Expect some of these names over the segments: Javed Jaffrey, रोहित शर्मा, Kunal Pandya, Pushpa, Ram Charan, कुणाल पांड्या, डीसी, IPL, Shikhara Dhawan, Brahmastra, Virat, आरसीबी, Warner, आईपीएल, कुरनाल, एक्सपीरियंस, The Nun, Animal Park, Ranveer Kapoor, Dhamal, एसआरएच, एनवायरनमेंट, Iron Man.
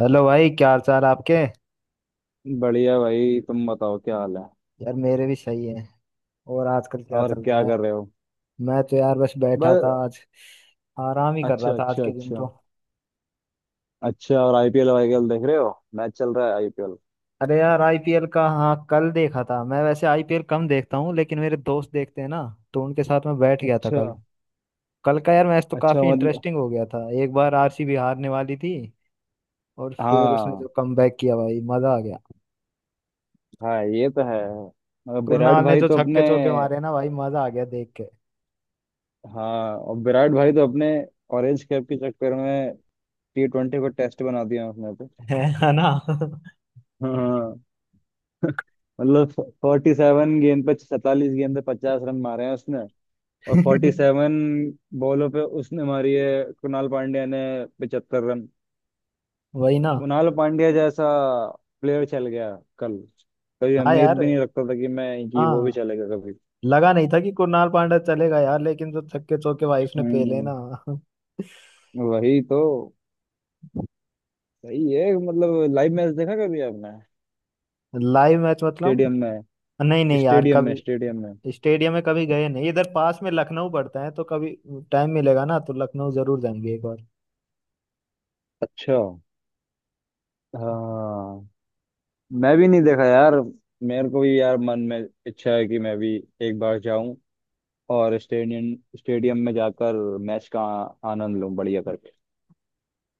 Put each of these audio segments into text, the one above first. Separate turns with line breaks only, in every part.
Hello भाई, क्या हाल चाल आपके यार।
बढ़िया भाई, तुम बताओ क्या हाल है?
मेरे भी सही है। और आजकल क्या
और
चल
क्या
रहा है।
कर रहे हो?
मैं तो यार बस बैठा था
बस।
आज। आराम ही कर रहा
अच्छा
था आज
अच्छा
के दिन
अच्छा।
तो।
अच्छा, और आईपीएल आईपीएल देख रहे हो? मैच चल रहा है आईपीएल।
अरे यार, आईपीएल का हाँ कल देखा था मैं। वैसे आईपीएल कम देखता हूँ, लेकिन मेरे दोस्त देखते हैं ना, तो उनके साथ मैं बैठ गया था
अच्छा
कल। कल का यार मैच तो
अच्छा,
काफी
मतलब
इंटरेस्टिंग हो गया था। एक बार आरसीबी हारने वाली थी, और फिर उसने
हाँ
जो कमबैक किया भाई, मजा आ गया।
हाँ ये तो है। मगर विराट
कुरनाल ने
भाई
जो
तो अपने।
छक्के चौके मारे ना भाई, मजा आ गया देख के।
हाँ, और विराट भाई तो अपने ऑरेंज कैप के चक्कर में टी ट्वेंटी को टेस्ट बना दिया उसने तो।
है ना।
हाँ। मतलब फोर्टी सेवन गेंद पे 47 गेंद पे 50 रन मारे हैं उसने। और फोर्टी सेवन बॉलों पे उसने मारी है कुणाल पांड्या ने 75 रन।
वही ना।
कुणाल पांड्या जैसा प्लेयर चल गया कल। कभी
हाँ
उम्मीद
यार।
भी नहीं रखता था कि वो भी
हाँ,
चलेगा कभी।
लगा नहीं था कि कुणाल पांड्या चलेगा यार, लेकिन जो छक्के चौके भाई उसने पेले
हम्म।
ना।
वही तो। सही है, मतलब लाइव मैच देखा कभी आपने?
लाइव मैच मतलब?
स्टेडियम में।
नहीं नहीं यार,
स्टेडियम में
कभी
स्टेडियम में।
स्टेडियम में कभी गए नहीं। इधर पास में लखनऊ पड़ता है, तो कभी टाइम मिलेगा ना तो लखनऊ जरूर जाएंगे एक बार।
अच्छा। हाँ, मैं भी नहीं देखा यार। मेरे को भी यार मन में इच्छा है कि मैं भी एक बार जाऊं और स्टेडियम स्टेडियम में जाकर मैच का आनंद लूं बढ़िया करके।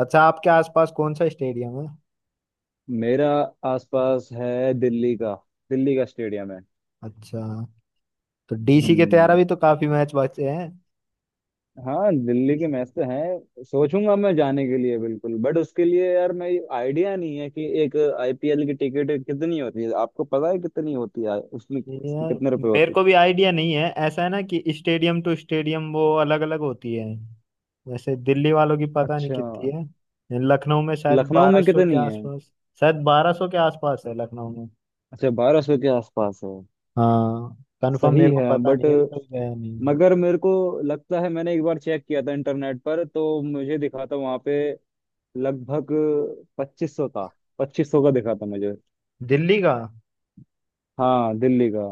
अच्छा, आपके आसपास कौन सा स्टेडियम है?
मेरा आसपास है दिल्ली का। दिल्ली का स्टेडियम है।
अच्छा, तो डीसी के तैयारा
हम्म।
भी तो काफी मैच बचे हैं।
हाँ, दिल्ली के मैच तो हैं, सोचूंगा मैं जाने के लिए बिल्कुल। बट उसके लिए यार मैं आइडिया नहीं है कि एक आईपीएल की टिकट कितनी होती है। आपको पता है कितनी होती है, उसमें
यार
कितने रुपए
मेरे
होती है?
को भी आइडिया नहीं है। ऐसा है ना कि स्टेडियम टू स्टेडियम वो अलग अलग होती है। वैसे दिल्ली वालों की पता नहीं
अच्छा।
कितनी है, लखनऊ में शायद
लखनऊ
बारह
में
सौ के
कितनी है?
आसपास। शायद बारह सौ के आसपास है लखनऊ में।
अच्छा, 1200 के आसपास है।
हाँ। कंफर्म
सही
मेरे को
है
पता
बट।
नहीं है, मैं कभी गया नहीं।
मगर मेरे को लगता है मैंने एक बार चेक किया था इंटरनेट पर, तो मुझे दिखा था वहां पे लगभग 2500 था। 2500 का दिखा था मुझे।
दिल्ली का?
हाँ, दिल्ली का।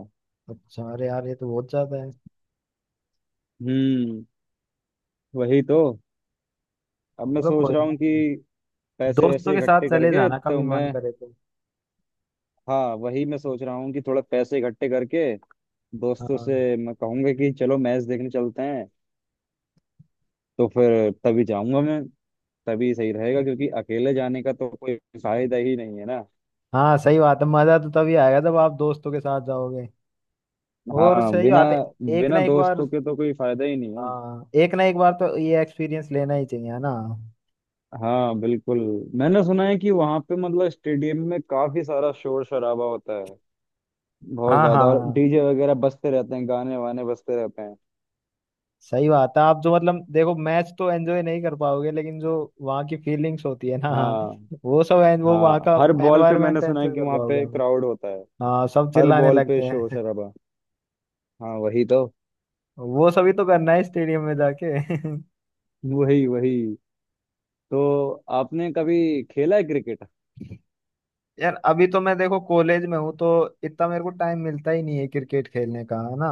अच्छा, अरे यार ये तो बहुत ज्यादा है।
हम्म। वही तो। अब मैं
चलो
सोच
कोई
रहा
ना,
हूँ कि पैसे
दोस्तों
वैसे
के
इकट्ठे
साथ चले
करके
जाना
तो
कभी
मैं।
मन करे तो।
हाँ, वही मैं सोच रहा हूँ कि थोड़ा पैसे इकट्ठे करके दोस्तों
हाँ।
से मैं कहूँगा कि चलो मैच देखने चलते हैं। तो फिर तभी जाऊंगा मैं। तभी सही रहेगा क्योंकि अकेले जाने का तो कोई फायदा ही नहीं है ना।
हाँ, सही बात है, मजा तो तभी आएगा जब आप दोस्तों के साथ जाओगे। और
हाँ
सही
बिना।
बात है। एक ना
बिना
एक बार।
दोस्तों के तो कोई फायदा ही नहीं है।
हाँ, एक ना एक बार तो ये एक्सपीरियंस लेना ही चाहिए, है ना।
हाँ, बिल्कुल। मैंने सुना है कि वहां पे, मतलब स्टेडियम में काफी सारा शोर शराबा होता है बहुत
हाँ
ज्यादा। और
हाँ,
डीजे वगैरह बजते रहते हैं, गाने वाने बजते रहते हैं।
सही बात है। आप जो मतलब देखो मैच तो एंजॉय नहीं कर पाओगे, लेकिन जो वहाँ की फीलिंग्स होती है ना
हाँ
वो सब वो वहाँ
हाँ।
का
हर बॉल पे
एनवायरनमेंट
मैंने सुना है
एंजॉय
कि
कर
वहां
पाओगे।
पे
हम।
क्राउड होता है।
हाँ, सब
हर
चिल्लाने
बॉल
लगते
पे शोर
हैं।
शराबा। हाँ वही तो।
वो सभी तो करना है स्टेडियम में जाके।
वही वही। तो आपने कभी खेला है क्रिकेट?
यार अभी तो मैं देखो कॉलेज में हूँ, तो इतना मेरे को टाइम मिलता ही नहीं है क्रिकेट खेलने का, है ना।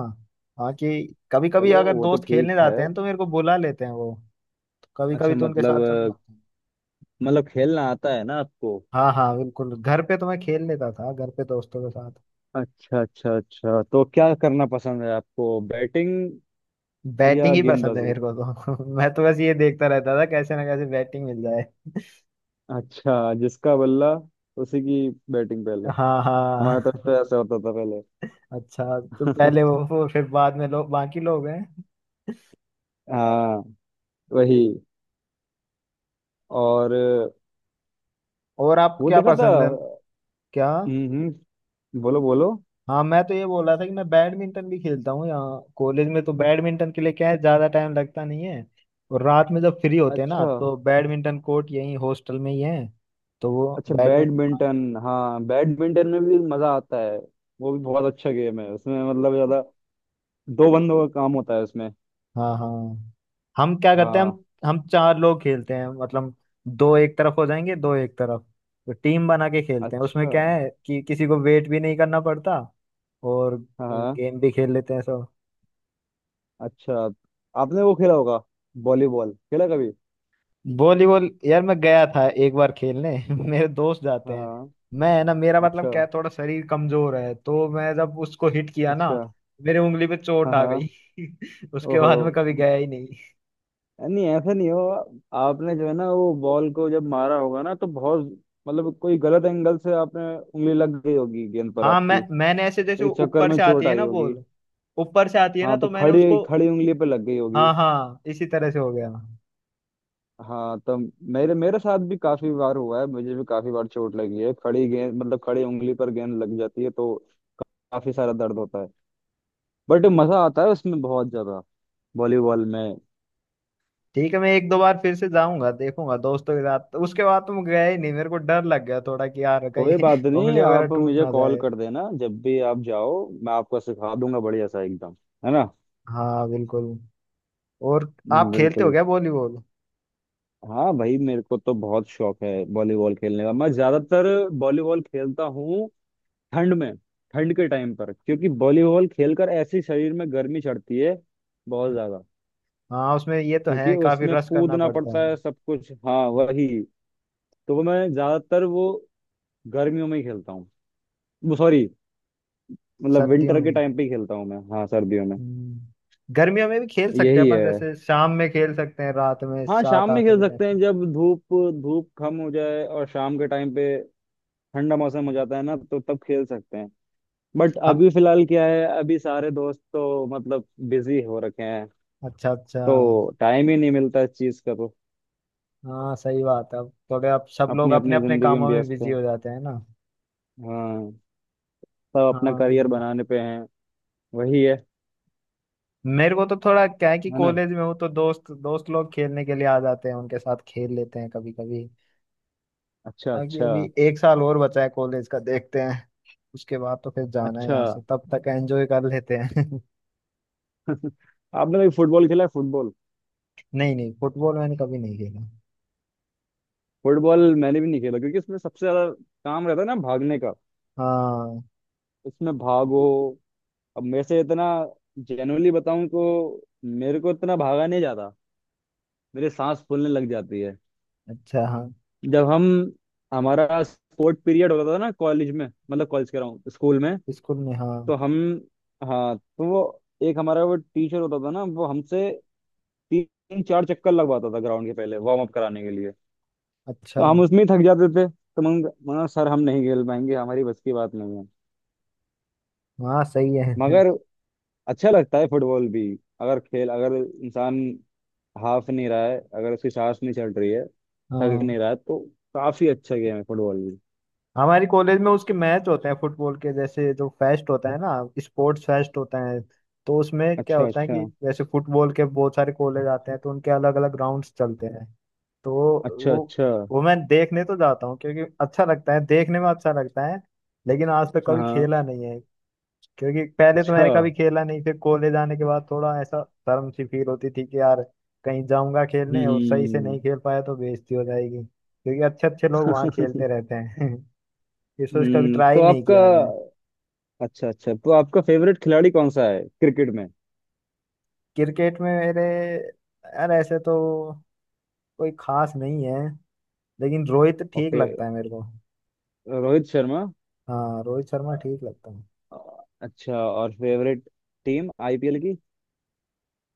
हाँ कि कभी कभी
चलो,
अगर
वो तो
दोस्त खेलने
ठीक है।
जाते हैं तो मेरे को बुला लेते हैं वो। कभी
अच्छा,
कभी तो उनके साथ
मतलब
चल जाते हैं।
मतलब खेलना आता है ना आपको?
हाँ हाँ, बिल्कुल। घर पे तो मैं खेल लेता था घर पे दोस्तों के साथ।
अच्छा अच्छा अच्छा, तो क्या करना पसंद है आपको, बैटिंग
बैटिंग
या
ही पसंद है
गेंदबाजी?
मेरे को तो। मैं तो बस ये देखता रहता था कैसे ना कैसे बैटिंग मिल जाए।
अच्छा, जिसका बल्ला उसी की बैटिंग पहले।
हाँ
हमारे तरफ
हाँ।
तो ऐसा होता था पहले।
अच्छा, तो पहले वो वो, फिर बाद में लोग, बाकी लोग हैं।
हाँ। वही और
और आप
वो
क्या
देखा था।
पसंद है? क्या?
हम्म हम्म, बोलो बोलो।
हाँ, मैं तो ये बोल रहा था कि मैं बैडमिंटन भी खेलता हूँ यहाँ कॉलेज में। तो बैडमिंटन के लिए क्या है, ज्यादा टाइम लगता नहीं है। और रात में जब फ्री होते हैं ना,
अच्छा
तो बैडमिंटन कोर्ट यहीं हॉस्टल में ही है, तो वो
अच्छा,
बैडमिंटन।
बैडमिंटन? हाँ, बैडमिंटन में भी मजा आता है। वो भी बहुत अच्छा गेम है। उसमें मतलब ज्यादा दो बंदों का काम होता है उसमें।
हाँ हाँ। हम क्या करते हैं।
हाँ।
हम चार लोग खेलते हैं मतलब, दो एक तरफ हो जाएंगे दो एक तरफ। तो टीम बना के खेलते हैं।
अच्छा।
उसमें क्या है कि किसी को वेट भी नहीं करना पड़ता, और
हाँ हाँ।
गेम भी खेल लेते हैं सब।
अच्छा। आपने वो खेला होगा, वॉलीबॉल खेला कभी?
वॉलीबॉल यार मैं गया था एक बार खेलने। मेरे दोस्त जाते
हाँ
हैं।
हाँ।
मैं है ना, मेरा मतलब क्या
अच्छा
है, थोड़ा शरीर कमजोर है। तो मैं जब उसको हिट किया ना,
अच्छा।
मेरे उंगली पे चोट
हाँ
आ गई।
हाँ।
उसके
ओहो।
बाद मैं कभी गया ही।
नहीं, ऐसा नहीं हो। आपने जो है ना वो बॉल को जब मारा होगा ना तो बहुत, मतलब कोई गलत एंगल से आपने उंगली लग गई होगी गेंद पर
हाँ, मैं
आपकी।
मैंने ऐसे जैसे
तो
वो
इस चक्कर
ऊपर
में
से आती
चोट
है
आई
ना
होगी।
बॉल, ऊपर से आती है ना,
हाँ, तो
तो मैंने
खड़ी
उसको।
खड़ी उंगली पे लग गई होगी।
हाँ हाँ, इसी तरह से हो गया।
हाँ, तो मेरे मेरे साथ भी काफी बार हुआ है। मुझे भी काफी बार चोट लगी है। खड़ी गेंद, मतलब खड़ी उंगली पर गेंद लग जाती है तो काफी सारा दर्द होता है। बट मजा आता है उसमें बहुत ज्यादा, वॉलीबॉल में।
ठीक है, मैं एक दो बार फिर से जाऊंगा, देखूंगा दोस्तों के साथ। उसके बाद तो मैं गया ही नहीं, मेरे को डर लग गया थोड़ा कि यार कहीं
कोई बात
उंगली
नहीं,
वगैरह
आप
टूट
मुझे
ना
कॉल
जाए।
कर देना जब भी आप जाओ, मैं आपको सिखा दूंगा बढ़िया सा एकदम। है ना।
हाँ बिल्कुल। और आप खेलते हो
बिल्कुल।
क्या वॉलीबॉल?
हाँ भाई, मेरे को तो बहुत शौक है वॉलीबॉल खेलने का। मैं ज्यादातर वॉलीबॉल खेलता हूँ ठंड में। ठंड के टाइम पर, क्योंकि वॉलीबॉल खेलकर ऐसे शरीर में गर्मी चढ़ती है बहुत ज्यादा।
हाँ, उसमें ये तो
क्योंकि
है, काफी
उसमें
रश करना
कूदना
पड़ता है।
पड़ता है सब कुछ। हाँ वही तो। वो मैं ज्यादातर वो गर्मियों में ही खेलता हूँ। वो सॉरी, मतलब
सर्दियों
विंटर के
में।
टाइम पे ही खेलता हूँ मैं। हाँ, सर्दियों में।
हम्म, गर्मियों में भी खेल सकते हैं
यही
अपन,
है।
जैसे शाम में खेल सकते हैं, रात में
हाँ,
सात
शाम में
आठ
खेल
बजे
सकते हैं जब धूप धूप कम हो जाए और शाम के टाइम पे ठंडा मौसम हो जाता है ना, तो तब खेल सकते हैं। बट
तक।
अभी फिलहाल क्या है, अभी सारे दोस्त तो मतलब बिजी हो रखे हैं।
अच्छा अच्छा।
तो टाइम ही नहीं मिलता इस चीज का। तो
हाँ सही बात है, अब थोड़े अब सब लोग
अपनी
अपने
अपनी
अपने
जिंदगी में
कामों में
व्यस्त
बिजी
है।
हो जाते हैं ना।
हाँ, सब अपना करियर
हाँ।
बनाने पे हैं। वही है।
मेरे को तो थोड़ा क्या है कि
है ना।
कॉलेज में हूँ तो दोस्त, दोस्त लोग खेलने के लिए आ जाते हैं, उनके साथ खेल लेते हैं कभी कभी।
अच्छा
अभी
अच्छा
अभी एक साल और बचा है कॉलेज का, देखते हैं। उसके बाद तो फिर जाना है
अच्छा।
यहाँ से, तब तक एंजॉय कर लेते हैं।
आपने कभी फुटबॉल खेला है, फुटबॉल?
नहीं नहीं, फुटबॉल मैंने कभी नहीं खेला।
फुटबॉल मैंने भी नहीं खेला, क्योंकि इसमें सबसे ज्यादा काम रहता है ना भागने का।
हाँ।
इसमें भागो। अब मेरे से इतना, जेन्युइनली बताऊं तो मेरे को इतना भागा नहीं जाता। मेरे सांस फूलने लग जाती है।
अच्छा हाँ।
जब हम, हमारा स्पोर्ट पीरियड होता था ना कॉलेज में, मतलब कॉलेज कह रहा हूँ, स्कूल में।
स्कूल में हाँ।
तो हम, हाँ, तो वो एक हमारा वो टीचर होता था ना, वो हमसे तीन चार चक्कर लगवाता था ग्राउंड के पहले वार्म अप कराने के लिए।
अच्छा।
तो हम उसमें ही थक जाते थे, तो मैं मना, सर हम नहीं खेल पाएंगे, हमारी बस की बात नहीं है।
हाँ सही है।
मगर अच्छा लगता है फुटबॉल भी। अगर इंसान हाफ नहीं रहा है, अगर उसकी सांस नहीं चल रही है, थक
हाँ,
नहीं रहा है, तो काफी अच्छा गेम है फुटबॉल भी।
हमारी कॉलेज में उसके मैच होते हैं फुटबॉल के। जैसे जो फेस्ट होता है ना, स्पोर्ट्स फेस्ट होता है, तो उसमें क्या
अच्छा
होता है
अच्छा
कि जैसे फुटबॉल के बहुत सारे कॉलेज आते हैं, तो उनके अलग अलग ग्राउंड्स चलते हैं। तो
अच्छा
वो
अच्छा।
वो मैं देखने तो जाता हूँ, क्योंकि अच्छा लगता है, देखने में अच्छा लगता है। लेकिन आज तक
हाँ
कभी
हाँ,
खेला नहीं है, क्योंकि पहले तो
अच्छा।
मैंने कभी खेला नहीं। फिर कॉलेज आने के बाद थोड़ा ऐसा शर्म सी फील होती थी कि यार कहीं जाऊंगा खेलने और सही से
हम्म।
नहीं खेल पाया तो बेइज्जती हो जाएगी, क्योंकि अच्छे अच्छे लोग वहाँ खेलते रहते हैं। डिस्कस कभी ट्राई
तो
नहीं
आपका
किया मैंने।
अच्छा अच्छा, तो आपका फेवरेट खिलाड़ी कौन सा है क्रिकेट में?
क्रिकेट में मेरे, यार ऐसे तो कोई खास नहीं है, लेकिन रोहित
और
ठीक लगता
फिर।
है मेरे को।
रोहित शर्मा?
हाँ, रोहित शर्मा ठीक लगता है।
अच्छा, और फेवरेट टीम आईपीएल की?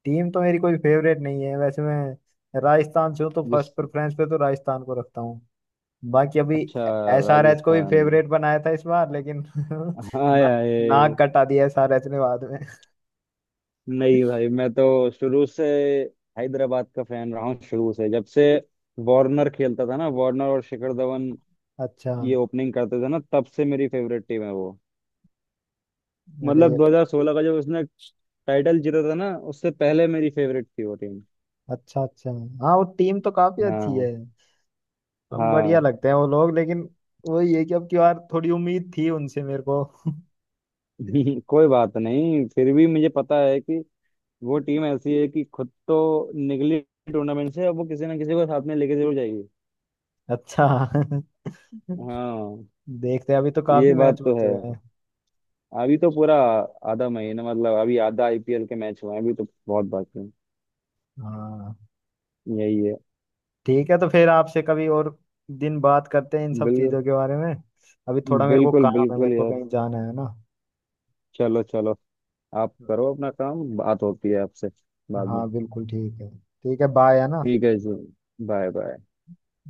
टीम तो मेरी कोई फेवरेट नहीं है, वैसे मैं राजस्थान से हूँ तो फर्स्ट
जिस।
प्रेफरेंस पे तो राजस्थान को रखता हूँ। बाकी अभी
अच्छा।
एसआरएच को भी
राजस्थान।
फेवरेट बनाया था इस बार, लेकिन
हाय
ना, नाक
हाय।
कटा दिया एसआरएच ने बाद में।
नहीं भाई, मैं तो शुरू से हैदराबाद का फैन रहा हूँ, शुरू से जब से वार्नर खेलता था ना, वार्नर और शिखर धवन
अच्छा,
ये ओपनिंग करते थे ना, तब से मेरी फेवरेट टीम है वो।
अरे।
मतलब 2016 का जब उसने टाइटल जीता था ना, उससे पहले मेरी फेवरेट थी वो टीम।
अच्छा अच्छा। हाँ, वो टीम तो काफी अच्छी
हाँ
है। हम, बढ़िया
हाँ।
लगते हैं वो लोग, लेकिन वही है कि अब की बार थोड़ी उम्मीद थी उनसे मेरे को।
कोई बात नहीं, फिर भी मुझे पता है कि वो टीम ऐसी है कि खुद तो निकली टूर्नामेंट से, अब वो किसी ना किसी को साथ में लेके जरूर जाएगी।
अच्छा,
हाँ।
देखते हैं, अभी तो
ये
काफी मैच
बात तो
बचे हुए हैं।
है। अभी तो पूरा आधा महीना, मतलब अभी आधा आईपीएल के मैच हुए हैं, अभी तो बहुत बाकी है।
हाँ।
यही है।
ठीक है, तो फिर आपसे कभी और दिन बात करते हैं इन सब
बिल्कुल
चीजों के बारे में। अभी थोड़ा मेरे को
बिल्कुल
काम है,
बिल्कुल
मेरे को
यार।
कहीं जाना है ना।
चलो चलो। आप करो अपना काम, बात होती है आपसे बाद में।
हाँ बिल्कुल। ठीक है ठीक है, बाय, है ना।
ठीक है जी। Bye bye.